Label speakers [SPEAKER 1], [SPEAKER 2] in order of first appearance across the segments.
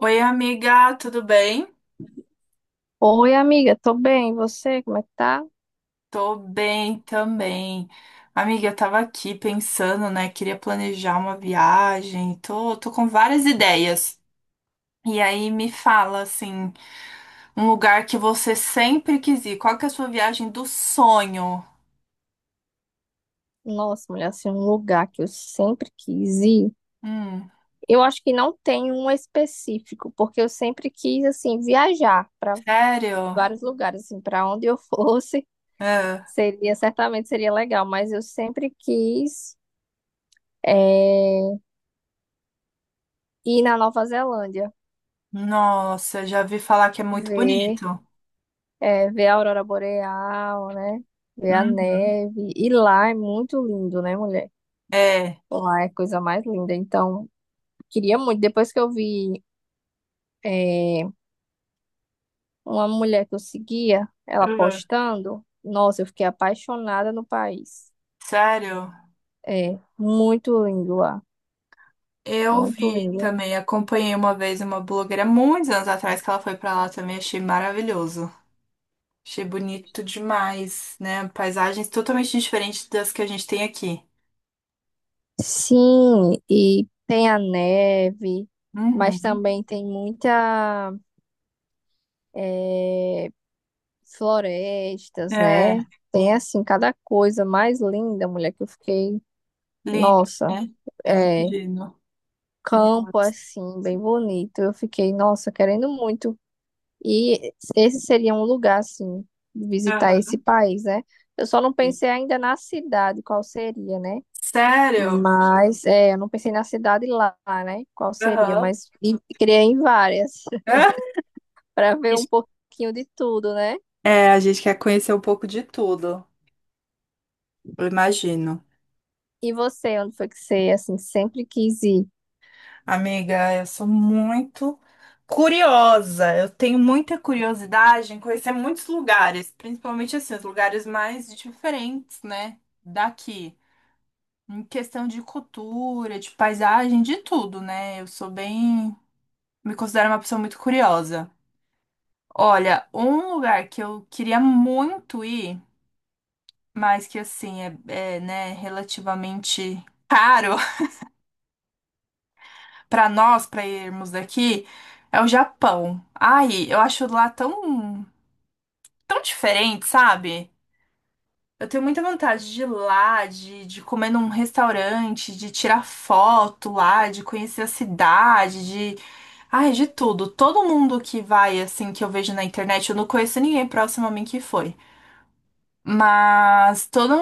[SPEAKER 1] Oi, amiga, tudo bem?
[SPEAKER 2] Oi, amiga, tô bem. E você, como é que tá?
[SPEAKER 1] Tô bem também. Amiga, eu tava aqui pensando, né? Queria planejar uma viagem. Tô com várias ideias. E aí me fala, assim, um lugar que você sempre quis ir. Qual que é a sua viagem do sonho?
[SPEAKER 2] Nossa, mulher, assim, um lugar que eu sempre quis ir.
[SPEAKER 1] Hum,
[SPEAKER 2] Eu acho que não tem um específico, porque eu sempre quis, assim, viajar para
[SPEAKER 1] sério?
[SPEAKER 2] vários lugares, assim, para onde eu fosse,
[SPEAKER 1] É.
[SPEAKER 2] seria, certamente seria legal, mas eu sempre quis, eh, ir na Nova Zelândia.
[SPEAKER 1] Nossa, já vi falar que é muito
[SPEAKER 2] Ver,
[SPEAKER 1] bonito.
[SPEAKER 2] é, ver a aurora boreal, né? Ver a
[SPEAKER 1] Uhum.
[SPEAKER 2] neve. E lá é muito lindo, né, mulher?
[SPEAKER 1] É.
[SPEAKER 2] Lá é a coisa mais linda. Então, queria muito. Depois que eu vi, é, uma mulher que eu seguia, ela
[SPEAKER 1] Ah.
[SPEAKER 2] postando, nossa, eu fiquei apaixonada no país.
[SPEAKER 1] Sério?
[SPEAKER 2] É muito lindo lá.
[SPEAKER 1] Eu
[SPEAKER 2] Muito
[SPEAKER 1] vi
[SPEAKER 2] lindo.
[SPEAKER 1] também, acompanhei uma vez uma blogueira muitos anos atrás que ela foi pra lá também, achei maravilhoso. Achei bonito demais, né? Paisagens totalmente diferentes das que a gente tem aqui.
[SPEAKER 2] Sim, e tem a neve, mas
[SPEAKER 1] Uhum.
[SPEAKER 2] também tem muita. eh, florestas, né?
[SPEAKER 1] É,
[SPEAKER 2] Tem assim cada coisa mais linda, mulher, que eu fiquei,
[SPEAKER 1] lindo,
[SPEAKER 2] nossa,
[SPEAKER 1] né? Eu
[SPEAKER 2] é
[SPEAKER 1] imagino.
[SPEAKER 2] campo
[SPEAKER 1] Nossa.
[SPEAKER 2] assim, bem bonito. Eu fiquei, nossa, querendo muito. E esse seria um lugar assim, visitar esse
[SPEAKER 1] Aham.
[SPEAKER 2] país, né? Eu só não pensei ainda na cidade, qual seria, né?
[SPEAKER 1] Sério?
[SPEAKER 2] Mas é, eu não pensei na cidade lá, né? Qual seria,
[SPEAKER 1] Aham.
[SPEAKER 2] mas e queria ir em várias para ver um pouquinho de tudo, né?
[SPEAKER 1] É, a gente quer conhecer um pouco de tudo. Eu imagino.
[SPEAKER 2] E você, onde foi que você assim sempre quis ir?
[SPEAKER 1] Amiga, eu sou muito curiosa. Eu tenho muita curiosidade em conhecer muitos lugares, principalmente assim, os lugares mais diferentes, né, daqui. Em questão de cultura, de paisagem, de tudo, né? Eu sou bem, me considero uma pessoa muito curiosa. Olha, um lugar que eu queria muito ir, mas que assim é, né, relativamente caro, para nós, para irmos daqui, é o Japão. Ai, eu acho lá tão diferente, sabe? Eu tenho muita vontade de ir lá, de comer num restaurante, de tirar foto lá, de conhecer a cidade, de. Ai, de tudo. Todo mundo que vai, assim, que eu vejo na internet, eu não conheço ninguém próximo a mim que foi. Mas todo,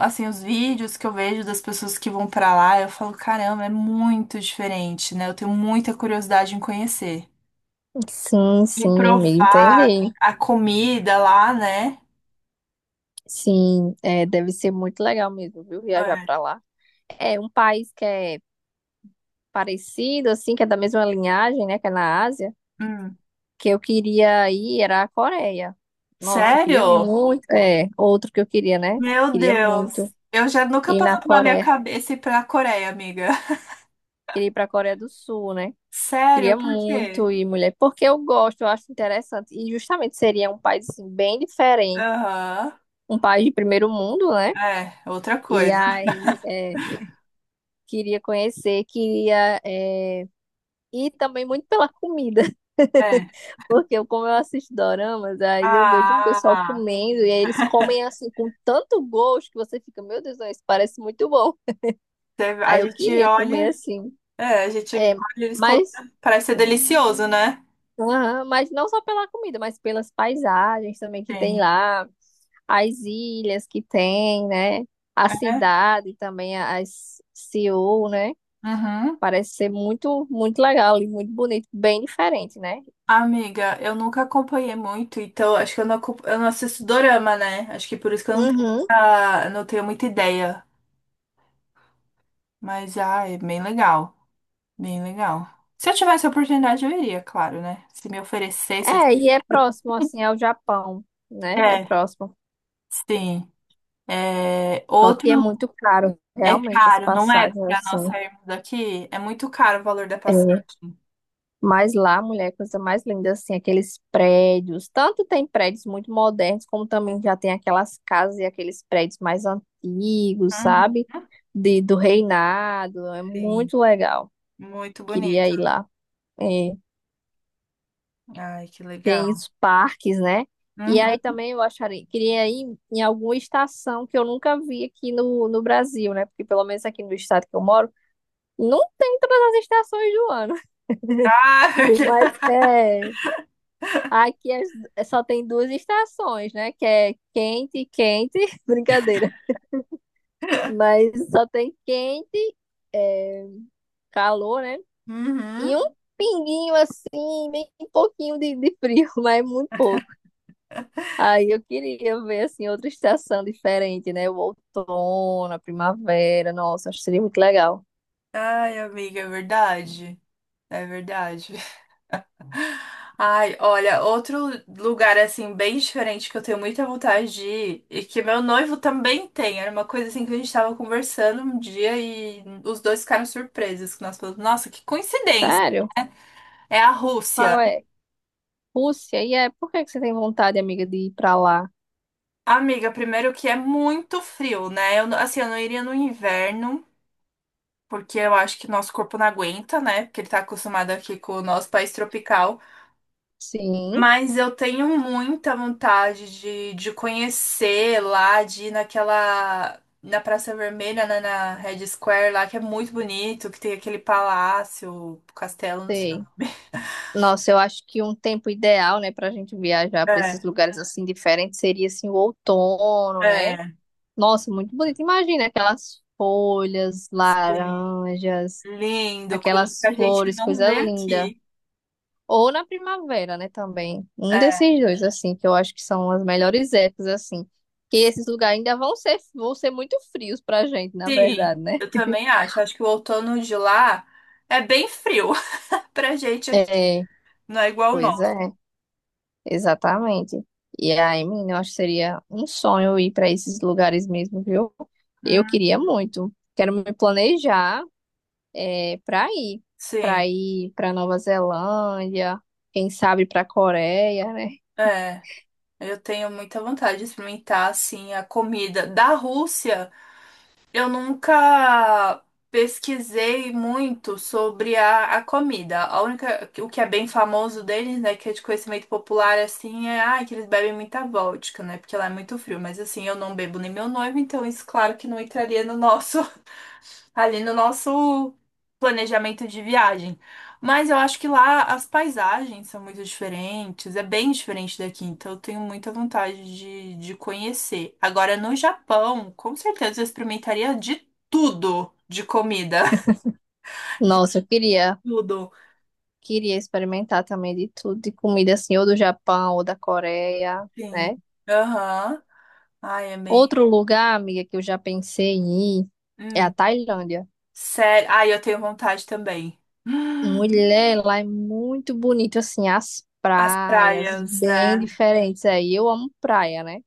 [SPEAKER 1] assim, os vídeos que eu vejo das pessoas que vão pra lá, eu falo, caramba, é muito diferente, né? Eu tenho muita curiosidade em conhecer,
[SPEAKER 2] Sim,
[SPEAKER 1] de
[SPEAKER 2] sim, amiga,
[SPEAKER 1] provar
[SPEAKER 2] entendi.
[SPEAKER 1] a comida lá, né?
[SPEAKER 2] Sim, é, deve ser muito legal mesmo, viu? Viajar
[SPEAKER 1] É.
[SPEAKER 2] pra lá. É um país que é parecido, assim, que é da mesma linhagem, né? Que é na Ásia.
[SPEAKER 1] Hum.
[SPEAKER 2] Que eu queria ir era a Coreia. Nossa, eu queria
[SPEAKER 1] Sério?
[SPEAKER 2] muito. É, outro que eu queria, né?
[SPEAKER 1] Meu
[SPEAKER 2] Queria
[SPEAKER 1] Deus.
[SPEAKER 2] muito
[SPEAKER 1] Eu já nunca
[SPEAKER 2] ir
[SPEAKER 1] passou
[SPEAKER 2] na
[SPEAKER 1] pela minha
[SPEAKER 2] Coreia.
[SPEAKER 1] cabeça ir pra Coreia, amiga.
[SPEAKER 2] Queria ir pra Coreia do Sul, né?
[SPEAKER 1] Sério,
[SPEAKER 2] Queria
[SPEAKER 1] por quê?
[SPEAKER 2] muito ir, mulher, porque eu gosto, eu acho interessante. E justamente seria um país, assim, bem diferente.
[SPEAKER 1] Aham.
[SPEAKER 2] Um país de primeiro mundo, né?
[SPEAKER 1] É, outra
[SPEAKER 2] E
[SPEAKER 1] coisa.
[SPEAKER 2] aí. É, queria conhecer, queria é, e também muito pela comida,
[SPEAKER 1] É.
[SPEAKER 2] porque eu, como eu assisto doramas, aí eu vejo um pessoal
[SPEAKER 1] Ah,
[SPEAKER 2] comendo e aí eles comem assim com tanto gosto que você fica, meu Deus, não, isso parece muito bom.
[SPEAKER 1] a
[SPEAKER 2] Aí eu
[SPEAKER 1] gente
[SPEAKER 2] queria comer
[SPEAKER 1] olha.
[SPEAKER 2] assim,
[SPEAKER 1] É, a gente olha
[SPEAKER 2] é,
[SPEAKER 1] eles comendo.
[SPEAKER 2] mas,
[SPEAKER 1] Parece ser delicioso, né?
[SPEAKER 2] aham, mas não só pela comida, mas pelas paisagens também que tem
[SPEAKER 1] Sim.
[SPEAKER 2] lá, as ilhas que tem, né? A
[SPEAKER 1] É.
[SPEAKER 2] cidade também, as Seul, né?
[SPEAKER 1] Uhum.
[SPEAKER 2] Parece ser muito, muito legal e muito bonito, bem diferente, né?
[SPEAKER 1] Amiga, eu nunca acompanhei muito, então acho que eu eu não assisto dorama, né? Acho que por isso que eu não tenho,
[SPEAKER 2] Uhum.
[SPEAKER 1] não tenho muita ideia. Mas, ah, é bem legal. Bem legal. Se eu tivesse a oportunidade, eu iria, claro, né? Se me oferecesse, assim.
[SPEAKER 2] É, e é próximo, assim, ao Japão, né? É
[SPEAKER 1] É,
[SPEAKER 2] próximo.
[SPEAKER 1] sim. É,
[SPEAKER 2] Só
[SPEAKER 1] outro
[SPEAKER 2] que é muito caro,
[SPEAKER 1] é
[SPEAKER 2] realmente, as
[SPEAKER 1] caro, não é?
[SPEAKER 2] passagens,
[SPEAKER 1] Pra nós
[SPEAKER 2] assim.
[SPEAKER 1] sairmos daqui, é muito caro o valor da passagem.
[SPEAKER 2] É. Mas lá, mulher, coisa mais linda, assim, aqueles prédios. Tanto tem prédios muito modernos, como também já tem aquelas casas e aqueles prédios mais antigos,
[SPEAKER 1] Uhum,
[SPEAKER 2] sabe? De, do reinado. É
[SPEAKER 1] sim.
[SPEAKER 2] muito legal.
[SPEAKER 1] Muito
[SPEAKER 2] Queria
[SPEAKER 1] bonito.
[SPEAKER 2] ir lá. É.
[SPEAKER 1] Ai, que legal.
[SPEAKER 2] Tem os parques, né? E aí
[SPEAKER 1] Uhum.
[SPEAKER 2] também eu acharia, queria ir em alguma estação que eu nunca vi aqui no, no Brasil, né? Porque pelo menos aqui no estado que eu moro, não tem todas as estações do ano. Por mais
[SPEAKER 1] Ah,
[SPEAKER 2] é, aqui as- só tem duas estações, né? Que é quente e quente, brincadeira. Mas só tem quente, é, calor, né?
[SPEAKER 1] Uhum.
[SPEAKER 2] E um pinguinho assim, bem pouquinho de frio, mas muito pouco. Aí eu queria ver assim outra estação diferente, né? O outono, a primavera. Nossa, acho que seria muito legal.
[SPEAKER 1] Ai, amiga, é verdade. É verdade. Ai, olha, outro lugar assim bem diferente que eu tenho muita vontade de ir e que meu noivo também tem. Era uma coisa assim que a gente tava conversando um dia e os dois ficaram surpresos que nós falamos, nossa, que coincidência.
[SPEAKER 2] Sério?
[SPEAKER 1] É a Rússia.
[SPEAKER 2] Qual é? Rússia? E é, por que que você tem vontade, amiga, de ir pra lá?
[SPEAKER 1] Amiga, primeiro que é muito frio, né? Eu, não- assim, eu não iria no inverno, porque eu acho que nosso corpo não aguenta, né? Porque ele tá acostumado aqui com o nosso país tropical.
[SPEAKER 2] Sim,
[SPEAKER 1] Mas eu tenho muita vontade de conhecer lá, de ir naquela. Na Praça Vermelha, né, na Red Square lá, que é muito bonito, que tem aquele palácio, castelo, não sei.
[SPEAKER 2] sei. Nossa, eu acho que um tempo ideal, né, pra gente viajar pra
[SPEAKER 1] É,
[SPEAKER 2] esses lugares assim diferentes seria assim o outono, né?
[SPEAKER 1] é,
[SPEAKER 2] Nossa, muito bonito. Imagina aquelas folhas
[SPEAKER 1] sim.
[SPEAKER 2] laranjas,
[SPEAKER 1] Lindo, coisa que
[SPEAKER 2] aquelas
[SPEAKER 1] a gente
[SPEAKER 2] flores,
[SPEAKER 1] não
[SPEAKER 2] coisa
[SPEAKER 1] vê
[SPEAKER 2] linda.
[SPEAKER 1] aqui.
[SPEAKER 2] Ou na primavera, né, também. Um
[SPEAKER 1] É,
[SPEAKER 2] desses dois, assim, que eu acho que são as melhores épocas, assim. Que esses lugares ainda vão ser muito frios pra gente, na
[SPEAKER 1] sim,
[SPEAKER 2] verdade, né?
[SPEAKER 1] eu também acho. Acho que o outono de lá é bem frio pra gente aqui.
[SPEAKER 2] É,
[SPEAKER 1] Não é igual o
[SPEAKER 2] pois
[SPEAKER 1] nosso.
[SPEAKER 2] é, exatamente. E aí, menina, eu acho que seria um sonho ir para esses lugares mesmo, viu? Eu
[SPEAKER 1] Hum,
[SPEAKER 2] queria muito. Quero me planejar é, para ir, para
[SPEAKER 1] sim,
[SPEAKER 2] ir para Nova Zelândia, quem sabe para Coreia, né?
[SPEAKER 1] é. Eu tenho muita vontade de experimentar, assim, a comida da Rússia. Eu nunca pesquisei muito sobre a comida. A única, o que é bem famoso deles, né, que é de conhecimento popular, assim, é, ah, que eles bebem muita vodka, né, porque lá é muito frio. Mas, assim, eu não bebo nem meu noivo, então isso, claro que não entraria no nosso ali no nosso planejamento de viagem. Mas eu acho que lá as paisagens são muito diferentes, é bem diferente daqui, então eu tenho muita vontade de conhecer. Agora, no Japão, com certeza eu experimentaria de tudo de comida. De
[SPEAKER 2] Nossa, eu queria.
[SPEAKER 1] tudo.
[SPEAKER 2] Queria experimentar também de tudo, de comida assim, ou do Japão, ou da Coreia,
[SPEAKER 1] Sim.
[SPEAKER 2] né?
[SPEAKER 1] Aham. Ai, é bem.
[SPEAKER 2] Outro lugar, amiga, que eu já pensei em ir é a
[SPEAKER 1] Hum.
[SPEAKER 2] Tailândia.
[SPEAKER 1] Sério. Ai, eu tenho vontade também. Hum.
[SPEAKER 2] Mulher, lá é muito bonito, assim, as
[SPEAKER 1] As
[SPEAKER 2] praias
[SPEAKER 1] praias,
[SPEAKER 2] bem
[SPEAKER 1] né?
[SPEAKER 2] diferentes. Aí eu amo praia, né?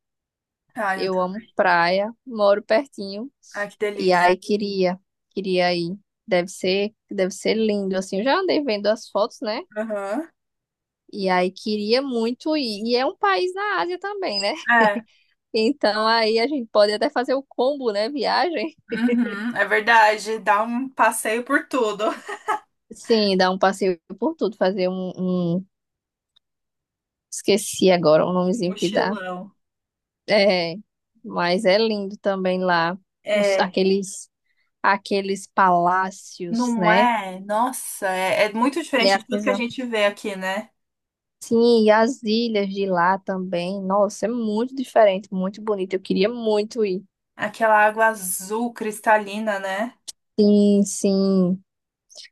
[SPEAKER 1] Ai, eu
[SPEAKER 2] Eu amo
[SPEAKER 1] também.
[SPEAKER 2] praia, moro pertinho.
[SPEAKER 1] Ai, que
[SPEAKER 2] E
[SPEAKER 1] delícia.
[SPEAKER 2] aí queria, queria ir. Deve ser lindo, assim. Eu já andei vendo as fotos, né?
[SPEAKER 1] Aham.
[SPEAKER 2] E aí queria muito ir. E é um país na Ásia também, né?
[SPEAKER 1] É.
[SPEAKER 2] Então aí a gente pode até fazer o combo, né? Viagem.
[SPEAKER 1] Uhum, é verdade, dá um passeio por tudo.
[SPEAKER 2] Sim, dar um passeio por tudo, fazer um, um- Esqueci agora o nomezinho que dá.
[SPEAKER 1] Mochilão.
[SPEAKER 2] É, mas é lindo também lá. Os,
[SPEAKER 1] É,
[SPEAKER 2] aqueles, aqueles palácios,
[SPEAKER 1] não
[SPEAKER 2] né?
[SPEAKER 1] é? Nossa, é muito
[SPEAKER 2] É
[SPEAKER 1] diferente
[SPEAKER 2] a
[SPEAKER 1] de tudo que a
[SPEAKER 2] coisa.
[SPEAKER 1] gente vê aqui, né?
[SPEAKER 2] Sim, e as ilhas de lá também. Nossa, é muito diferente, muito bonito. Eu queria muito ir.
[SPEAKER 1] Aquela água azul cristalina, né?
[SPEAKER 2] Sim, sim.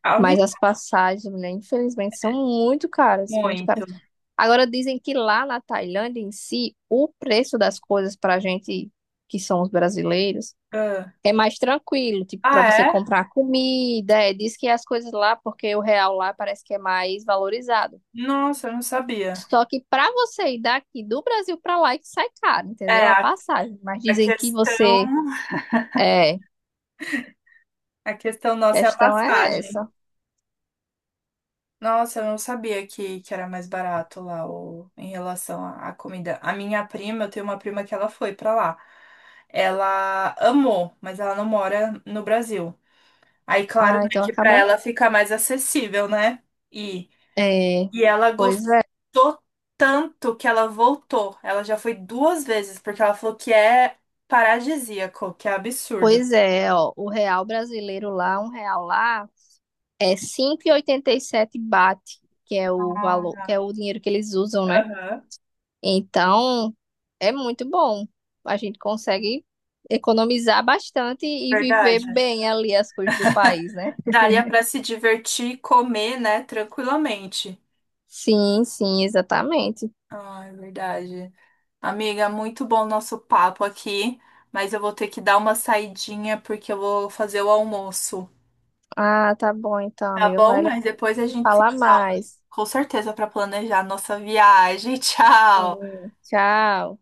[SPEAKER 1] A
[SPEAKER 2] Mas as
[SPEAKER 1] única.
[SPEAKER 2] passagens, mulher, infelizmente, são muito caras, muito caras.
[SPEAKER 1] Muito.
[SPEAKER 2] Agora dizem que lá na Tailândia em si, o preço das coisas para a gente que são os brasileiros
[SPEAKER 1] Ah.
[SPEAKER 2] é mais tranquilo, tipo, para
[SPEAKER 1] Ah,
[SPEAKER 2] você
[SPEAKER 1] é?
[SPEAKER 2] comprar comida, é, diz que as coisas lá, porque o real lá parece que é mais valorizado.
[SPEAKER 1] Nossa, eu não sabia.
[SPEAKER 2] Só que para você ir daqui do Brasil para lá é que sai caro, entendeu?
[SPEAKER 1] É,
[SPEAKER 2] A passagem. Mas
[SPEAKER 1] a
[SPEAKER 2] dizem que
[SPEAKER 1] questão,
[SPEAKER 2] você é,
[SPEAKER 1] a questão nossa é a
[SPEAKER 2] questão é
[SPEAKER 1] passagem.
[SPEAKER 2] essa.
[SPEAKER 1] Nossa, eu não sabia que era mais barato lá o, em relação à comida. A minha prima, eu tenho uma prima que ela foi pra lá. Ela amou, mas ela não mora no Brasil. Aí, claro,
[SPEAKER 2] Ah,
[SPEAKER 1] né,
[SPEAKER 2] então
[SPEAKER 1] que pra
[SPEAKER 2] acaba.
[SPEAKER 1] ela fica mais acessível, né? E,
[SPEAKER 2] É,
[SPEAKER 1] e ela
[SPEAKER 2] pois é.
[SPEAKER 1] gostou tanto que ela voltou. Ela já foi duas vezes, porque ela falou que é paradisíaco, que é absurdo.
[SPEAKER 2] Pois é, ó, o real brasileiro lá, um real lá é 5,87 baht, que é o valor,
[SPEAKER 1] Ah.
[SPEAKER 2] que é o dinheiro que eles usam, né?
[SPEAKER 1] Aham.
[SPEAKER 2] Então, é muito bom. A gente consegue economizar bastante e viver
[SPEAKER 1] Verdade.
[SPEAKER 2] bem ali as coisas do país, né?
[SPEAKER 1] Daria pra se divertir e comer, né, tranquilamente.
[SPEAKER 2] Sim, sim, exatamente.
[SPEAKER 1] Ah, é verdade. Amiga, muito bom o nosso papo aqui, mas eu vou ter que dar uma saidinha porque eu vou fazer o almoço,
[SPEAKER 2] Ah, tá bom então,
[SPEAKER 1] tá
[SPEAKER 2] amigo.
[SPEAKER 1] bom?
[SPEAKER 2] Vai lá
[SPEAKER 1] Mas depois a gente se
[SPEAKER 2] falar
[SPEAKER 1] fala,
[SPEAKER 2] mais.
[SPEAKER 1] com certeza, para planejar a nossa viagem. Tchau!
[SPEAKER 2] Sim, tchau.